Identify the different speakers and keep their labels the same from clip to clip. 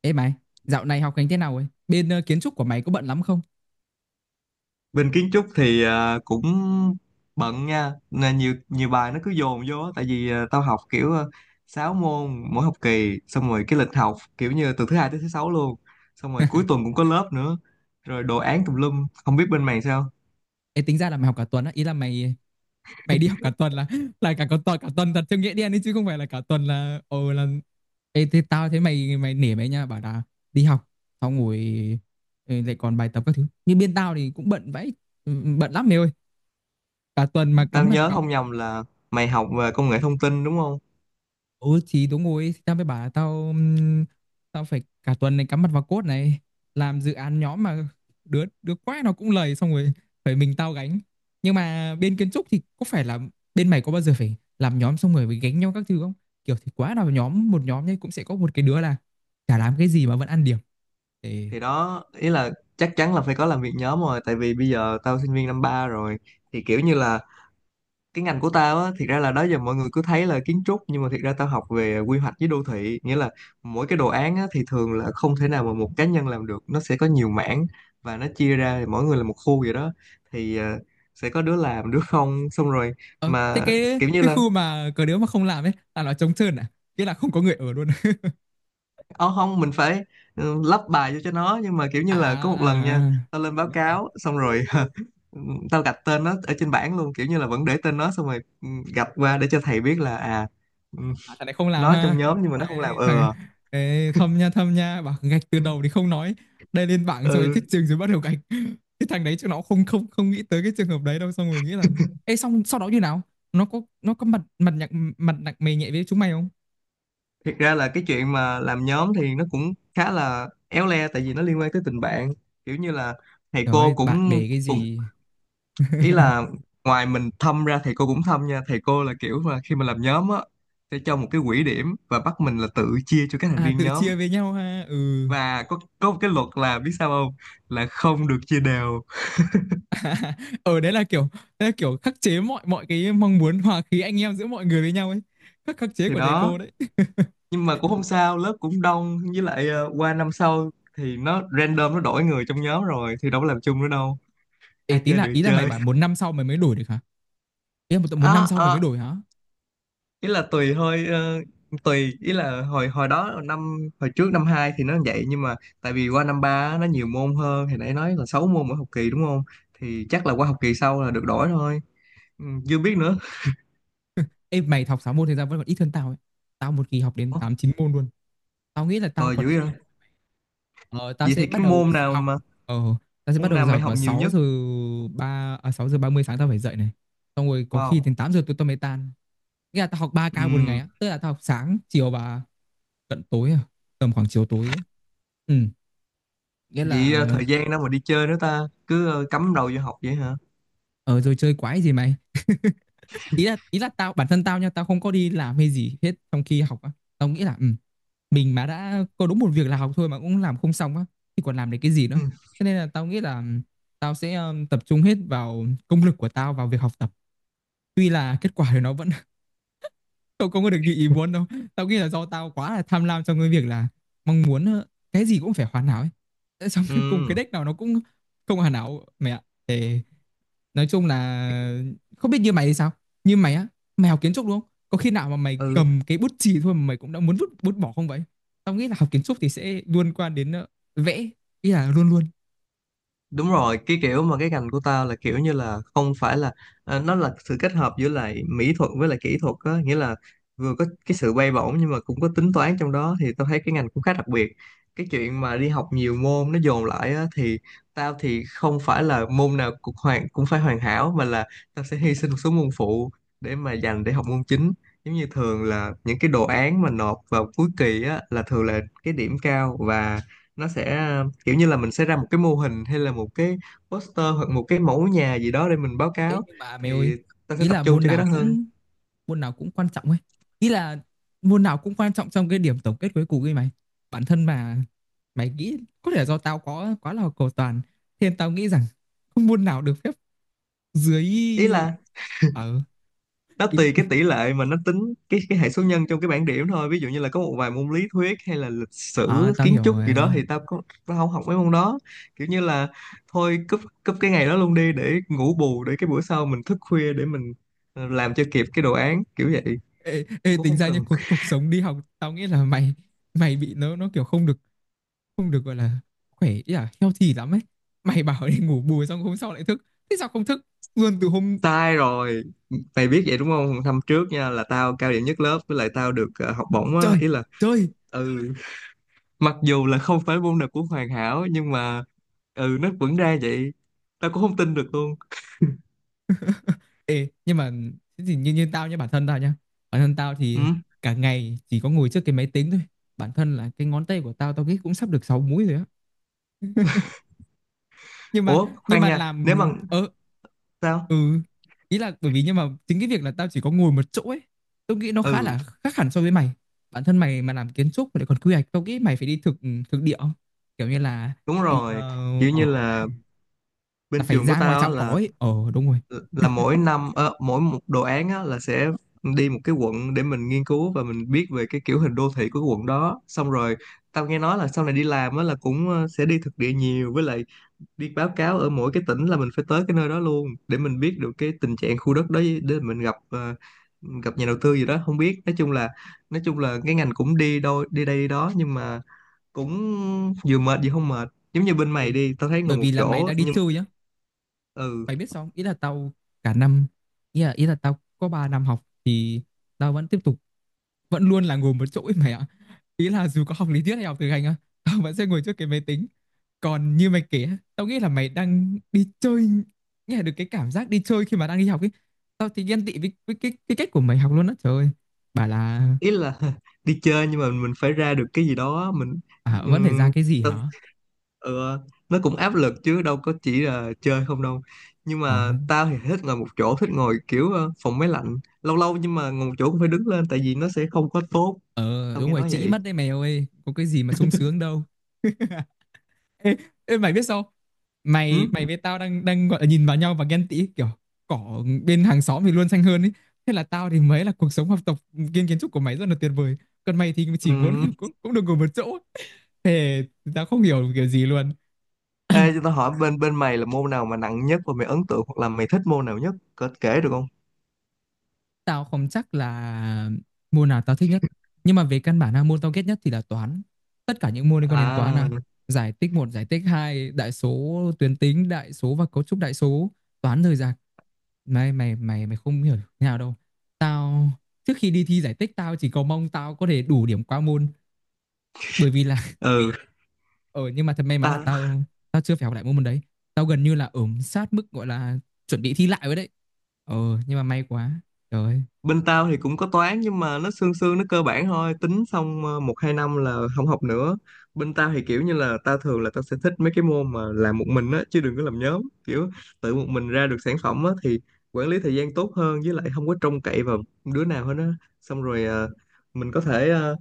Speaker 1: Ê mày, dạo này học hành thế nào ấy? Bên kiến trúc của mày có bận lắm không?
Speaker 2: Bên kiến trúc thì cũng bận nha, nên nhiều nhiều bài nó cứ dồn vô á. Tại vì tao học kiểu 6 môn mỗi học kỳ, xong rồi cái lịch học kiểu như từ thứ hai tới thứ sáu luôn, xong rồi cuối tuần cũng có lớp nữa, rồi đồ án tùm lum, không biết bên mày sao.
Speaker 1: Ê tính ra là mày học cả tuần á, ý là mày mày đi học cả tuần là là cả cả tuần thật theo nghĩa đen ấy chứ không phải là cả tuần là ồ là. Ê thế tao thấy mày mày nể mày nha, bảo là đi học xong ngồi lại còn bài tập các thứ. Như bên tao thì cũng bận vãi, ừ, bận lắm mày ơi. Cả tuần mà
Speaker 2: Tao
Speaker 1: cắm mặt
Speaker 2: nhớ
Speaker 1: vào.
Speaker 2: không nhầm là mày học về công nghệ thông tin, đúng không?
Speaker 1: Ừ thì đúng rồi. Thì tao mới bảo là tao tao phải cả tuần này cắm mặt vào code này. Làm dự án nhóm mà Đứa đứa quái nó cũng lầy, xong rồi phải mình tao gánh. Nhưng mà bên kiến trúc thì có phải là bên mày có bao giờ phải làm nhóm xong rồi phải gánh nhau các thứ không? Kiểu thì quá nào nhóm, một nhóm nhé cũng sẽ có một cái đứa là chả làm cái gì mà vẫn ăn điểm. Thế,
Speaker 2: Thì đó, ý là chắc chắn là phải có làm việc nhóm rồi, tại vì bây giờ tao sinh viên năm ba rồi. Thì kiểu như là cái ngành của tao á, thiệt ra là đó giờ mọi người cứ thấy là kiến trúc nhưng mà thiệt ra tao học về quy hoạch với đô thị, nghĩa là mỗi cái đồ án á thì thường là không thể nào mà một cá nhân làm được, nó sẽ có nhiều mảng và nó chia ra thì mỗi người là một khu vậy đó. Thì sẽ có đứa làm đứa không, xong rồi
Speaker 1: ờ, thế
Speaker 2: mà
Speaker 1: cái
Speaker 2: kiểu như
Speaker 1: cái
Speaker 2: là
Speaker 1: khu mà có đứa mà không làm ấy là nó trống trơn à? Nghĩa là không có người ở luôn.
Speaker 2: ô không mình phải lắp bài vô cho nó. Nhưng mà kiểu như
Speaker 1: À,
Speaker 2: là có một lần nha,
Speaker 1: à, à.
Speaker 2: tao lên báo
Speaker 1: À.
Speaker 2: cáo xong rồi tao gạch tên nó ở trên bảng luôn, kiểu như là vẫn để tên nó xong rồi gạch qua để cho thầy biết là ừ,
Speaker 1: À, thằng này không làm
Speaker 2: nó
Speaker 1: ha?
Speaker 2: trong nhóm nhưng mà nó không làm.
Speaker 1: Thằng.
Speaker 2: Ừ.
Speaker 1: Ê, thâm nha, thâm nha, bảo gạch từ đầu thì không nói, đây lên bảng xong rồi thích
Speaker 2: Ừ.
Speaker 1: trường rồi bắt đầu gạch. Cái thằng đấy chắc nó không không không nghĩ tới cái trường hợp đấy đâu, xong rồi nghĩ là. Ê, xong sau đó như nào? Nó có mặt mặt nhạc mặt nặng mày nhẹ với chúng mày không?
Speaker 2: Thiệt ra là cái chuyện mà làm nhóm thì nó cũng khá là éo le, tại vì nó liên quan tới tình bạn. Kiểu như là thầy
Speaker 1: Trời
Speaker 2: cô
Speaker 1: ơi bạn
Speaker 2: cũng
Speaker 1: bè cái
Speaker 2: cũng
Speaker 1: gì.
Speaker 2: ý là ngoài mình thâm ra thầy cô cũng thâm nha, thầy cô là kiểu mà khi mà làm nhóm á, sẽ cho một cái quỹ điểm và bắt mình là tự chia cho các thành
Speaker 1: À
Speaker 2: viên
Speaker 1: tự
Speaker 2: nhóm.
Speaker 1: chia với nhau ha. Ừ.
Speaker 2: Và có một cái luật là biết sao không, là không được chia đều.
Speaker 1: ở đấy là kiểu Đấy là kiểu khắc chế mọi mọi cái mong muốn hòa khí anh em giữa mọi người với nhau ấy. Khắc khắc chế
Speaker 2: Thì
Speaker 1: của thầy
Speaker 2: đó,
Speaker 1: cô đấy.
Speaker 2: nhưng mà cũng không sao, lớp cũng đông, với lại qua năm sau thì nó random, nó đổi người trong nhóm rồi thì đâu có làm chung nữa đâu,
Speaker 1: Ê,
Speaker 2: ai
Speaker 1: tí
Speaker 2: chơi
Speaker 1: là
Speaker 2: được thì
Speaker 1: ý là mày
Speaker 2: chơi.
Speaker 1: bảo một năm sau mày mới đổi được hả? Ý là một năm
Speaker 2: à,
Speaker 1: sau mày mới
Speaker 2: à,
Speaker 1: đổi hả?
Speaker 2: Ý là tùy thôi, tùy, ý là hồi hồi đó năm hồi trước năm 2 thì nó vậy, nhưng mà tại vì qua năm 3 á, nó nhiều môn hơn, thì nãy nói là 6 môn mỗi học kỳ đúng không. Thì chắc là qua học kỳ sau là được đổi thôi. Chưa biết nữa.
Speaker 1: Ê, mày học 6 môn thì ra vẫn còn ít hơn tao ấy. Tao một kỳ học đến
Speaker 2: Ủa,
Speaker 1: 8 9 môn luôn. Tao nghĩ là tao
Speaker 2: tồi
Speaker 1: còn
Speaker 2: dữ
Speaker 1: chịu
Speaker 2: vậy.
Speaker 1: nhận. Ờ, tao
Speaker 2: Vậy
Speaker 1: sẽ
Speaker 2: thì
Speaker 1: bắt
Speaker 2: cái
Speaker 1: đầu
Speaker 2: môn
Speaker 1: giờ
Speaker 2: nào
Speaker 1: học.
Speaker 2: mà
Speaker 1: Ờ, tao sẽ bắt
Speaker 2: môn
Speaker 1: đầu
Speaker 2: nào
Speaker 1: giờ
Speaker 2: mày
Speaker 1: học
Speaker 2: học
Speaker 1: vào
Speaker 2: nhiều
Speaker 1: 6
Speaker 2: nhất?
Speaker 1: giờ 3, à, 6 giờ ba mươi sáng tao phải dậy này. Xong rồi có khi
Speaker 2: Wow.
Speaker 1: đến 8 giờ tụi tao mới tan. Nghĩa là tao học ba
Speaker 2: Ừ.
Speaker 1: ca một ngày á, tức là tao học sáng, chiều và cận tối tầm khoảng chiều tối ấy. Ừ, nghĩa
Speaker 2: Vậy
Speaker 1: là
Speaker 2: thời gian đâu mà đi chơi nữa ta, cứ cắm đầu vô học vậy hả?
Speaker 1: ờ rồi chơi quái gì mày. Ý là tao bản thân tao nha, tao không có đi làm hay gì hết trong khi học á. Tao nghĩ là ừ, mình mà đã có đúng một việc là học thôi mà cũng làm không xong á thì còn làm được cái gì
Speaker 2: Ừ.
Speaker 1: nữa. Thế nên là tao nghĩ là tao sẽ tập trung hết vào công lực của tao vào việc học tập, tuy là kết quả thì nó vẫn không không có được như ý muốn đâu. Tao nghĩ là do tao quá là tham lam trong cái việc là mong muốn cái gì cũng phải hoàn hảo ấy. Thế xong cuối cùng cái
Speaker 2: Ừ.
Speaker 1: deck nào nó cũng không hoàn hảo mẹ ạ. Thế nói chung là không biết như mày thì sao. Như mày á, mày học kiến trúc đúng không, có khi nào mà mày
Speaker 2: Ừ,
Speaker 1: cầm cái bút chì thôi mà mày cũng đã muốn vứt bút bỏ không vậy? Tao nghĩ là học kiến trúc thì sẽ liên quan đến vẽ, ý là luôn luôn.
Speaker 2: đúng rồi, cái kiểu mà cái ngành của tao là kiểu như là không phải là, nó là sự kết hợp giữa lại mỹ thuật với lại kỹ thuật á, nghĩa là vừa có cái sự bay bổng nhưng mà cũng có tính toán trong đó, thì tao thấy cái ngành cũng khá đặc biệt. Cái chuyện mà đi học nhiều môn nó dồn lại á, thì tao thì không phải là môn nào cũng phải hoàn hảo, mà là tao sẽ hy sinh một số môn phụ để mà dành để học môn chính. Giống như thường là những cái đồ án mà nộp vào cuối kỳ á, là thường là cái điểm cao, và nó sẽ kiểu như là mình sẽ ra một cái mô hình hay là một cái poster hoặc một cái mẫu nhà gì đó để mình báo
Speaker 1: Thế
Speaker 2: cáo.
Speaker 1: nhưng mà mày ơi,
Speaker 2: Thì tao sẽ
Speaker 1: ý
Speaker 2: tập
Speaker 1: là
Speaker 2: trung cho cái đó hơn.
Speaker 1: môn nào cũng quan trọng ấy. Ý là môn nào cũng quan trọng trong cái điểm tổng kết cuối cùng ấy mày. Bản thân mà mày nghĩ, có thể là do tao có quá là cầu toàn, thế nên tao nghĩ rằng không môn nào được phép dưới.
Speaker 2: Ý là
Speaker 1: Ờ
Speaker 2: nó
Speaker 1: ý
Speaker 2: tùy cái tỷ lệ mà nó tính cái hệ số nhân trong cái bảng điểm thôi, ví dụ như là có một vài môn lý thuyết hay là lịch
Speaker 1: À,
Speaker 2: sử
Speaker 1: tao
Speaker 2: kiến
Speaker 1: hiểu
Speaker 2: trúc gì đó
Speaker 1: rồi.
Speaker 2: thì tao không học mấy môn đó. Kiểu như là thôi cúp cúp cái ngày đó luôn đi để ngủ bù, để cái bữa sau mình thức khuya để mình làm cho kịp cái đồ án kiểu vậy,
Speaker 1: Ê, ê,
Speaker 2: cũng
Speaker 1: tính
Speaker 2: không
Speaker 1: ra như
Speaker 2: cần.
Speaker 1: cuộc cuộc sống đi học tao nghĩ là mày mày bị nó kiểu không được, không được gọi là khỏe, ý là healthy lắm ấy. Mày bảo đi ngủ bù xong hôm sau lại thức, thế sao không thức luôn từ hôm.
Speaker 2: Sai rồi, mày biết vậy đúng không? Năm trước nha là tao cao điểm nhất lớp, với lại tao được học bổng á,
Speaker 1: Trời
Speaker 2: ý là
Speaker 1: trời.
Speaker 2: ừ mặc dù là không phải môn nào cũng hoàn hảo nhưng mà nó vẫn ra vậy, tao cũng không tin được luôn.
Speaker 1: Ê nhưng mà thế thì như như tao nhá, bản thân tao nhá, bản thân tao thì
Speaker 2: Ừ.
Speaker 1: cả ngày chỉ có ngồi trước cái máy tính thôi. Bản thân là cái ngón tay của tao, tao nghĩ cũng sắp được 6 múi rồi á. Nhưng mà
Speaker 2: Ủa khoan nha,
Speaker 1: làm
Speaker 2: nếu mà. Sao.
Speaker 1: ừ. Ý là bởi vì nhưng mà chính cái việc là tao chỉ có ngồi một chỗ ấy, tôi nghĩ nó khá
Speaker 2: Ừ,
Speaker 1: là khác hẳn so với mày. Bản thân mày mà làm kiến trúc mà lại còn quy hoạch, tao nghĩ mày phải đi thực thực địa không? Kiểu như là
Speaker 2: đúng
Speaker 1: đi
Speaker 2: rồi, kiểu như
Speaker 1: ờ,
Speaker 2: là
Speaker 1: là
Speaker 2: bên
Speaker 1: phải
Speaker 2: trường của
Speaker 1: ra ngoài
Speaker 2: tao á,
Speaker 1: trạm cỏ
Speaker 2: là
Speaker 1: ấy. Ờ Đúng rồi.
Speaker 2: là mỗi năm mỗi một đồ án á là sẽ đi một cái quận để mình nghiên cứu và mình biết về cái kiểu hình đô thị của cái quận đó. Xong rồi tao nghe nói là sau này đi làm á là cũng sẽ đi thực địa nhiều, với lại đi báo cáo ở mỗi cái tỉnh là mình phải tới cái nơi đó luôn để mình biết được cái tình trạng khu đất đó, để mình gặp nhà đầu tư gì đó không biết. Nói chung là cái ngành cũng đi đôi đi đây đi đó, nhưng mà cũng vừa mệt vừa không mệt, giống như bên mày
Speaker 1: Ê,
Speaker 2: đi tao thấy ngồi
Speaker 1: bởi
Speaker 2: một
Speaker 1: vì là mày
Speaker 2: chỗ
Speaker 1: đang đi
Speaker 2: nhưng.
Speaker 1: chơi nhá.
Speaker 2: Ừ,
Speaker 1: Mày biết sao không? Ý là tao cả năm, ý là tao có 3 năm học thì tao vẫn tiếp tục, vẫn luôn là ngồi một chỗ ấy mày ạ. Ý là dù có học lý thuyết hay học thực hành á, tao vẫn sẽ ngồi trước cái máy tính. Còn như mày kể á, tao nghĩ là mày đang đi chơi, nghe được cái cảm giác đi chơi khi mà đang đi học ấy. Tao thì ghen tị với, cái cách của mày học luôn á, trời ơi. Bảo là
Speaker 2: ý là đi chơi nhưng mà mình phải ra được cái gì đó. Mình
Speaker 1: à, vẫn phải ra
Speaker 2: ừm,
Speaker 1: cái gì
Speaker 2: tao-
Speaker 1: hả?
Speaker 2: ừ, nó cũng áp lực chứ đâu có chỉ là chơi không đâu. Nhưng
Speaker 1: Ờ.
Speaker 2: mà tao thì thích ngồi một chỗ, thích ngồi kiểu phòng máy lạnh lâu lâu. Nhưng mà ngồi một chỗ cũng phải đứng lên, tại vì nó sẽ không có tốt,
Speaker 1: ờ
Speaker 2: tao
Speaker 1: Đúng
Speaker 2: nghe
Speaker 1: rồi,
Speaker 2: nói
Speaker 1: chỉ
Speaker 2: vậy.
Speaker 1: mất đấy mày ơi, có cái gì mà sung sướng đâu. Ê, ê mày biết sao không? Mày
Speaker 2: Ừ?
Speaker 1: mày với tao đang đang gọi là nhìn vào nhau và ghen tị kiểu cỏ bên hàng xóm thì luôn xanh hơn ấy. Thế là tao thì mới là cuộc sống học tập kiến trúc của mày rất là tuyệt vời. Còn mày thì
Speaker 2: Ừ.
Speaker 1: chỉ muốn là cũng được ngồi một chỗ. Thế tao không hiểu kiểu gì luôn.
Speaker 2: Ê, cho tao hỏi bên bên mày là môn nào mà nặng nhất, và mày ấn tượng hoặc là mày thích môn nào nhất, có kể được không?
Speaker 1: Tao không chắc là môn nào tao thích nhất. Nhưng mà về căn bản là môn tao ghét nhất thì là toán. Tất cả những môn liên quan đến toán là
Speaker 2: À.
Speaker 1: giải tích một, giải tích hai, đại số tuyến tính, đại số và cấu trúc đại số, toán rời rạc. Mày mày mày mày không hiểu thế nào đâu. Tao trước khi đi thi giải tích, tao chỉ cầu mong tao có thể đủ điểm qua môn, bởi vì là
Speaker 2: Ừ
Speaker 1: ờ ừ, nhưng mà thật may mắn là
Speaker 2: ta.
Speaker 1: tao tao chưa phải học lại môn môn đấy. Tao gần như là ở sát mức gọi là chuẩn bị thi lại rồi đấy. Ờ nhưng mà may quá. Trời ơi.
Speaker 2: Bên tao thì cũng có toán nhưng mà nó sương sương, nó cơ bản thôi, tính xong 1 2 năm là không học nữa. Bên tao thì kiểu như là tao thường là tao sẽ thích mấy cái môn mà làm một mình á, chứ đừng có làm nhóm kiểu tự một mình ra được sản phẩm á, thì quản lý thời gian tốt hơn, với lại không có trông cậy vào đứa nào hết á. Xong rồi mình có thể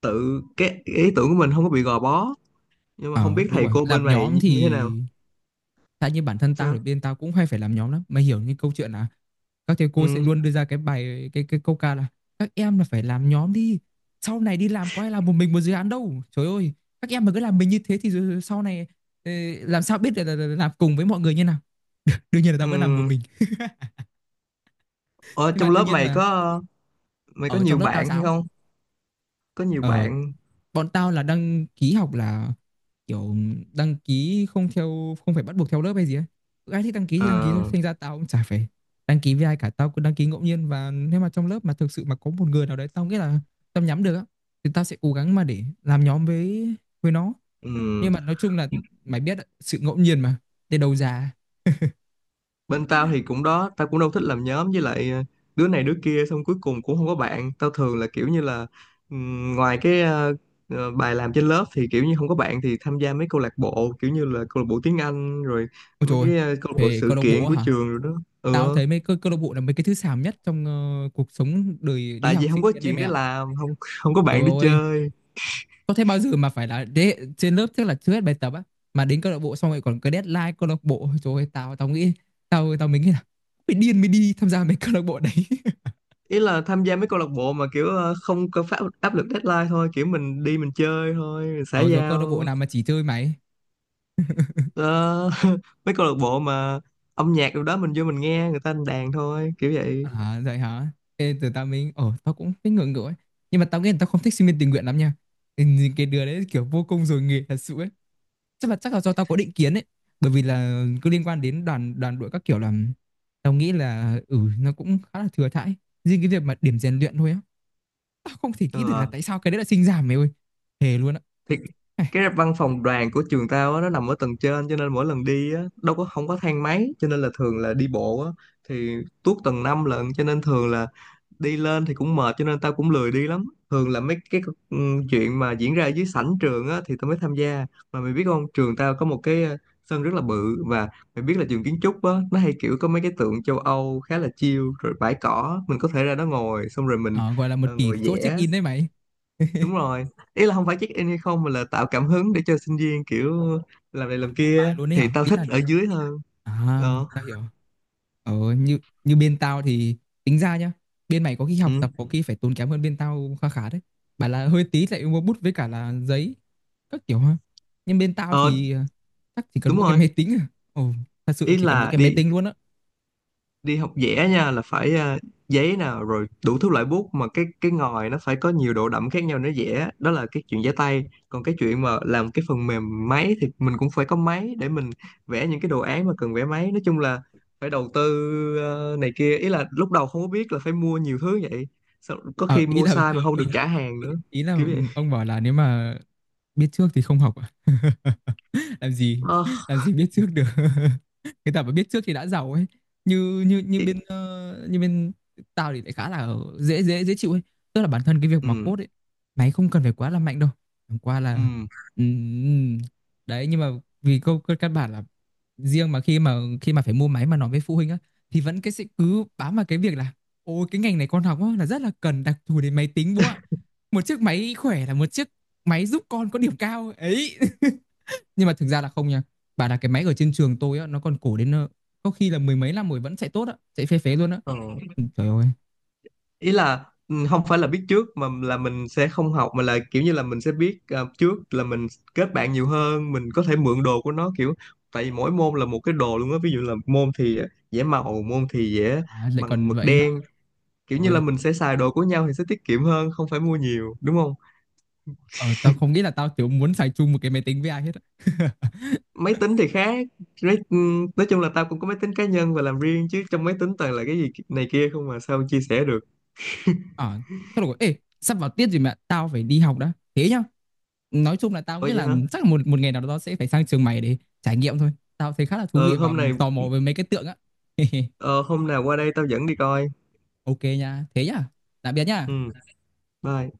Speaker 2: tự cái ý tưởng của mình không có bị gò bó. Nhưng mà không
Speaker 1: Ờ
Speaker 2: biết
Speaker 1: đúng
Speaker 2: thầy
Speaker 1: rồi,
Speaker 2: cô bên
Speaker 1: làm
Speaker 2: mày
Speaker 1: nhóm
Speaker 2: như thế nào.
Speaker 1: thì. Tại như bản thân tao
Speaker 2: Sao.
Speaker 1: thì bên tao cũng hay phải làm nhóm lắm. Mày hiểu như câu chuyện là các thầy cô sẽ
Speaker 2: Ừ.
Speaker 1: luôn đưa ra cái bài cái câu ca là các em là phải làm nhóm đi. Sau này đi làm có ai làm một mình một dự án đâu. Trời ơi, các em mà cứ làm mình như thế thì rồi sau này ờ, làm sao biết là, làm cùng với mọi người như nào. Đương nhiên là tao vẫn làm một
Speaker 2: Ừ.
Speaker 1: mình.
Speaker 2: Ở
Speaker 1: Nhưng mà
Speaker 2: trong
Speaker 1: đương
Speaker 2: lớp
Speaker 1: nhiên
Speaker 2: mày
Speaker 1: là
Speaker 2: có mày có
Speaker 1: ở
Speaker 2: nhiều
Speaker 1: trong lớp tao
Speaker 2: bạn hay
Speaker 1: sao?
Speaker 2: không, có nhiều
Speaker 1: ở
Speaker 2: bạn?
Speaker 1: Bọn tao là đăng ký học là kiểu đăng ký không theo, không phải bắt buộc theo lớp hay gì ấy, cứ ai thích đăng ký thì
Speaker 2: Ờ.
Speaker 1: đăng ký thôi, thành ra tao cũng chả phải đăng ký với ai cả, tao cứ đăng ký ngẫu nhiên, và nếu mà trong lớp mà thực sự mà có một người nào đấy tao nghĩ là tao nhắm được á, thì tao sẽ cố gắng mà để làm nhóm với nó.
Speaker 2: Ừ.
Speaker 1: Nhưng mà nói chung là mày biết đấy, sự ngẫu nhiên mà để đầu ra.
Speaker 2: Bên tao thì cũng đó, tao cũng đâu thích làm nhóm, với lại đứa này đứa kia xong cuối cùng cũng không có bạn. Tao thường là kiểu như là ngoài cái bài làm trên lớp thì kiểu như không có bạn thì tham gia mấy câu lạc bộ, kiểu như là câu lạc bộ tiếng Anh rồi
Speaker 1: Ôi trời
Speaker 2: mấy
Speaker 1: ơi,
Speaker 2: cái câu lạc bộ
Speaker 1: về
Speaker 2: sự
Speaker 1: câu lạc bộ
Speaker 2: kiện của
Speaker 1: hả?
Speaker 2: trường rồi đó.
Speaker 1: Tao
Speaker 2: Ừ,
Speaker 1: thấy mấy câu câu lạc bộ là mấy cái thứ xàm nhất trong cuộc sống đời đi
Speaker 2: tại
Speaker 1: học
Speaker 2: vì không
Speaker 1: sinh
Speaker 2: có
Speaker 1: viên đấy
Speaker 2: chuyện
Speaker 1: mày
Speaker 2: để
Speaker 1: ạ.
Speaker 2: làm, không không có
Speaker 1: Trời
Speaker 2: bạn để
Speaker 1: ơi,
Speaker 2: chơi.
Speaker 1: có thế bao giờ mà phải là đế, trên lớp trước là chưa hết bài tập á, mà đến câu lạc bộ xong rồi còn cái deadline câu lạc bộ. Ôi trời ơi, tao tao nghĩ, tao tao mới nghĩ là mày điên mới đi tham gia mấy câu lạc bộ đấy.
Speaker 2: Ý là tham gia mấy câu lạc bộ mà kiểu không có phát áp lực deadline thôi, kiểu mình đi mình chơi thôi, mình xã
Speaker 1: Ờ rồi câu lạc
Speaker 2: giao.
Speaker 1: bộ nào mà chỉ chơi máy?
Speaker 2: Ờ, mấy câu lạc bộ mà âm nhạc đâu đó mình vô mình nghe người ta đánh đàn thôi kiểu vậy.
Speaker 1: À vậy hả? Thế từ tao mình tao cũng thấy ngưỡng ngưỡng ấy. Nhưng mà tao nghĩ là tao không thích sinh viên tình nguyện lắm nha. Ừ, cái đứa đấy kiểu vô công rồi nghề thật sự ấy. Chắc là do tao có định kiến ấy, bởi vì là cứ liên quan đến đoàn đoàn đội các kiểu là tao nghĩ là ừ nó cũng khá là thừa thãi. Riêng cái việc mà điểm rèn luyện thôi á, tao không thể nghĩ được là
Speaker 2: ờ,
Speaker 1: tại sao cái đấy là sinh giảm mày ơi. Thề luôn á.
Speaker 2: thì cái văn phòng đoàn của trường tao á, nó nằm ở tầng trên, cho nên mỗi lần đi á, đâu có không có thang máy cho nên là thường là đi bộ á, thì tuốt tầng 5 lận, cho nên thường là đi lên thì cũng mệt, cho nên tao cũng lười đi lắm. Thường là mấy cái ừ, chuyện mà diễn ra ở dưới sảnh trường á thì tao mới tham gia. Mà mày biết không, trường tao có một cái sân rất là bự, và mày biết là trường kiến trúc á, nó hay kiểu có mấy cái tượng châu Âu khá là chill rồi bãi cỏ, mình có thể ra đó ngồi xong rồi mình
Speaker 1: Ờ, gọi là một tỷ
Speaker 2: ngồi
Speaker 1: số check
Speaker 2: vẽ.
Speaker 1: in đấy mày.
Speaker 2: Đúng rồi, ý là không phải check in hay không mà là tạo cảm hứng để cho sinh viên kiểu làm này
Speaker 1: Ờ,
Speaker 2: làm
Speaker 1: bài
Speaker 2: kia,
Speaker 1: luôn đấy hả?
Speaker 2: thì tao
Speaker 1: Ý
Speaker 2: thích
Speaker 1: là
Speaker 2: ở dưới hơn.
Speaker 1: à,
Speaker 2: Ờ.
Speaker 1: tao hiểu. Ờ như như bên tao thì tính ra nhá. Bên mày có khi học
Speaker 2: Ừ.
Speaker 1: tập có khi phải tốn kém hơn bên tao khá khá đấy. Bảo là hơi tí lại mua bút với cả là giấy các kiểu ha. Nhưng bên tao
Speaker 2: Ờ
Speaker 1: thì chắc chỉ cần
Speaker 2: đúng
Speaker 1: mỗi cái
Speaker 2: rồi,
Speaker 1: máy tính à. Ồ, thật sự
Speaker 2: ý
Speaker 1: chỉ cần mỗi
Speaker 2: là
Speaker 1: cái
Speaker 2: đi
Speaker 1: máy tính luôn á.
Speaker 2: đi học vẽ nha là phải giấy nào rồi đủ thứ loại bút mà cái ngòi nó phải có nhiều độ đậm khác nhau để vẽ, đó là cái chuyện vẽ tay. Còn cái chuyện mà làm cái phần mềm máy thì mình cũng phải có máy để mình vẽ những cái đồ án mà cần vẽ máy. Nói chung là phải đầu tư này kia, ý là lúc đầu không có biết là phải mua nhiều thứ vậy. Sau, có
Speaker 1: Ờ,
Speaker 2: khi
Speaker 1: ý
Speaker 2: mua
Speaker 1: là
Speaker 2: sai mà không được
Speaker 1: ừ,
Speaker 2: trả hàng
Speaker 1: ý
Speaker 2: nữa,
Speaker 1: ý là
Speaker 2: kiểu vậy.
Speaker 1: ông bảo là nếu mà biết trước thì không học à? Làm gì?
Speaker 2: Ờ,
Speaker 1: Làm gì biết trước được. Người ta mà biết trước thì đã giàu ấy. Như như như
Speaker 2: ý-
Speaker 1: bên ờ, như bên tao thì lại khá là dễ dễ dễ chịu ấy. Tức là bản thân cái việc mà
Speaker 2: ừ,
Speaker 1: code ấy, mày không cần phải quá là mạnh đâu. Chẳng qua là ừm, đấy, nhưng mà vì câu cơ căn bản là, riêng mà khi mà phải mua máy mà nói với phụ huynh á, thì vẫn cái sẽ cứ bám vào cái việc là ôi cái ngành này con học á, là rất là cần đặc thù đến máy tính bố ạ. Một chiếc máy khỏe là một chiếc máy giúp con có điểm cao ấy. Nhưng mà thực ra là không nha. Bảo là cái máy ở trên trường tôi á, nó còn cổ đến có khi là mười mấy năm rồi vẫn chạy tốt á, chạy phế luôn á.
Speaker 2: ừ.
Speaker 1: Ừ, trời ơi,
Speaker 2: Ý là không phải là biết trước mà là mình sẽ không học, mà là kiểu như là mình sẽ biết trước là mình kết bạn nhiều hơn, mình có thể mượn đồ của nó. Kiểu tại vì mỗi môn là một cái đồ luôn á, ví dụ là môn thì vẽ màu, môn thì vẽ
Speaker 1: à, lại
Speaker 2: bằng
Speaker 1: còn
Speaker 2: mực
Speaker 1: vậy hả?
Speaker 2: đen, kiểu
Speaker 1: Trời
Speaker 2: như là
Speaker 1: ơi.
Speaker 2: mình sẽ xài đồ của nhau thì sẽ tiết kiệm hơn không phải mua nhiều, đúng không?
Speaker 1: Ờ, tao không nghĩ là tao kiểu muốn xài chung một cái máy tính với ai hết á.
Speaker 2: Máy tính thì khác. Nói chung là tao cũng có máy tính cá nhân và làm riêng, chứ trong máy tính toàn là cái gì này kia không mà sao chia sẻ được.
Speaker 1: ờ Thôi được rồi, ê, sắp vào tiết rồi mẹ, tao phải đi học đã, thế nhá. Nói chung là tao
Speaker 2: Ủa
Speaker 1: nghĩ
Speaker 2: vậy
Speaker 1: là
Speaker 2: hả?
Speaker 1: chắc là một một ngày nào đó tao sẽ phải sang trường mày để trải nghiệm thôi, tao thấy khá là thú
Speaker 2: Ờ
Speaker 1: vị và
Speaker 2: hôm này
Speaker 1: tò mò về mấy cái tượng á.
Speaker 2: ờ, Hôm nào qua đây tao dẫn đi coi.
Speaker 1: Ok nha, thế nhá, tạm biệt nhá.
Speaker 2: Ừ, bye.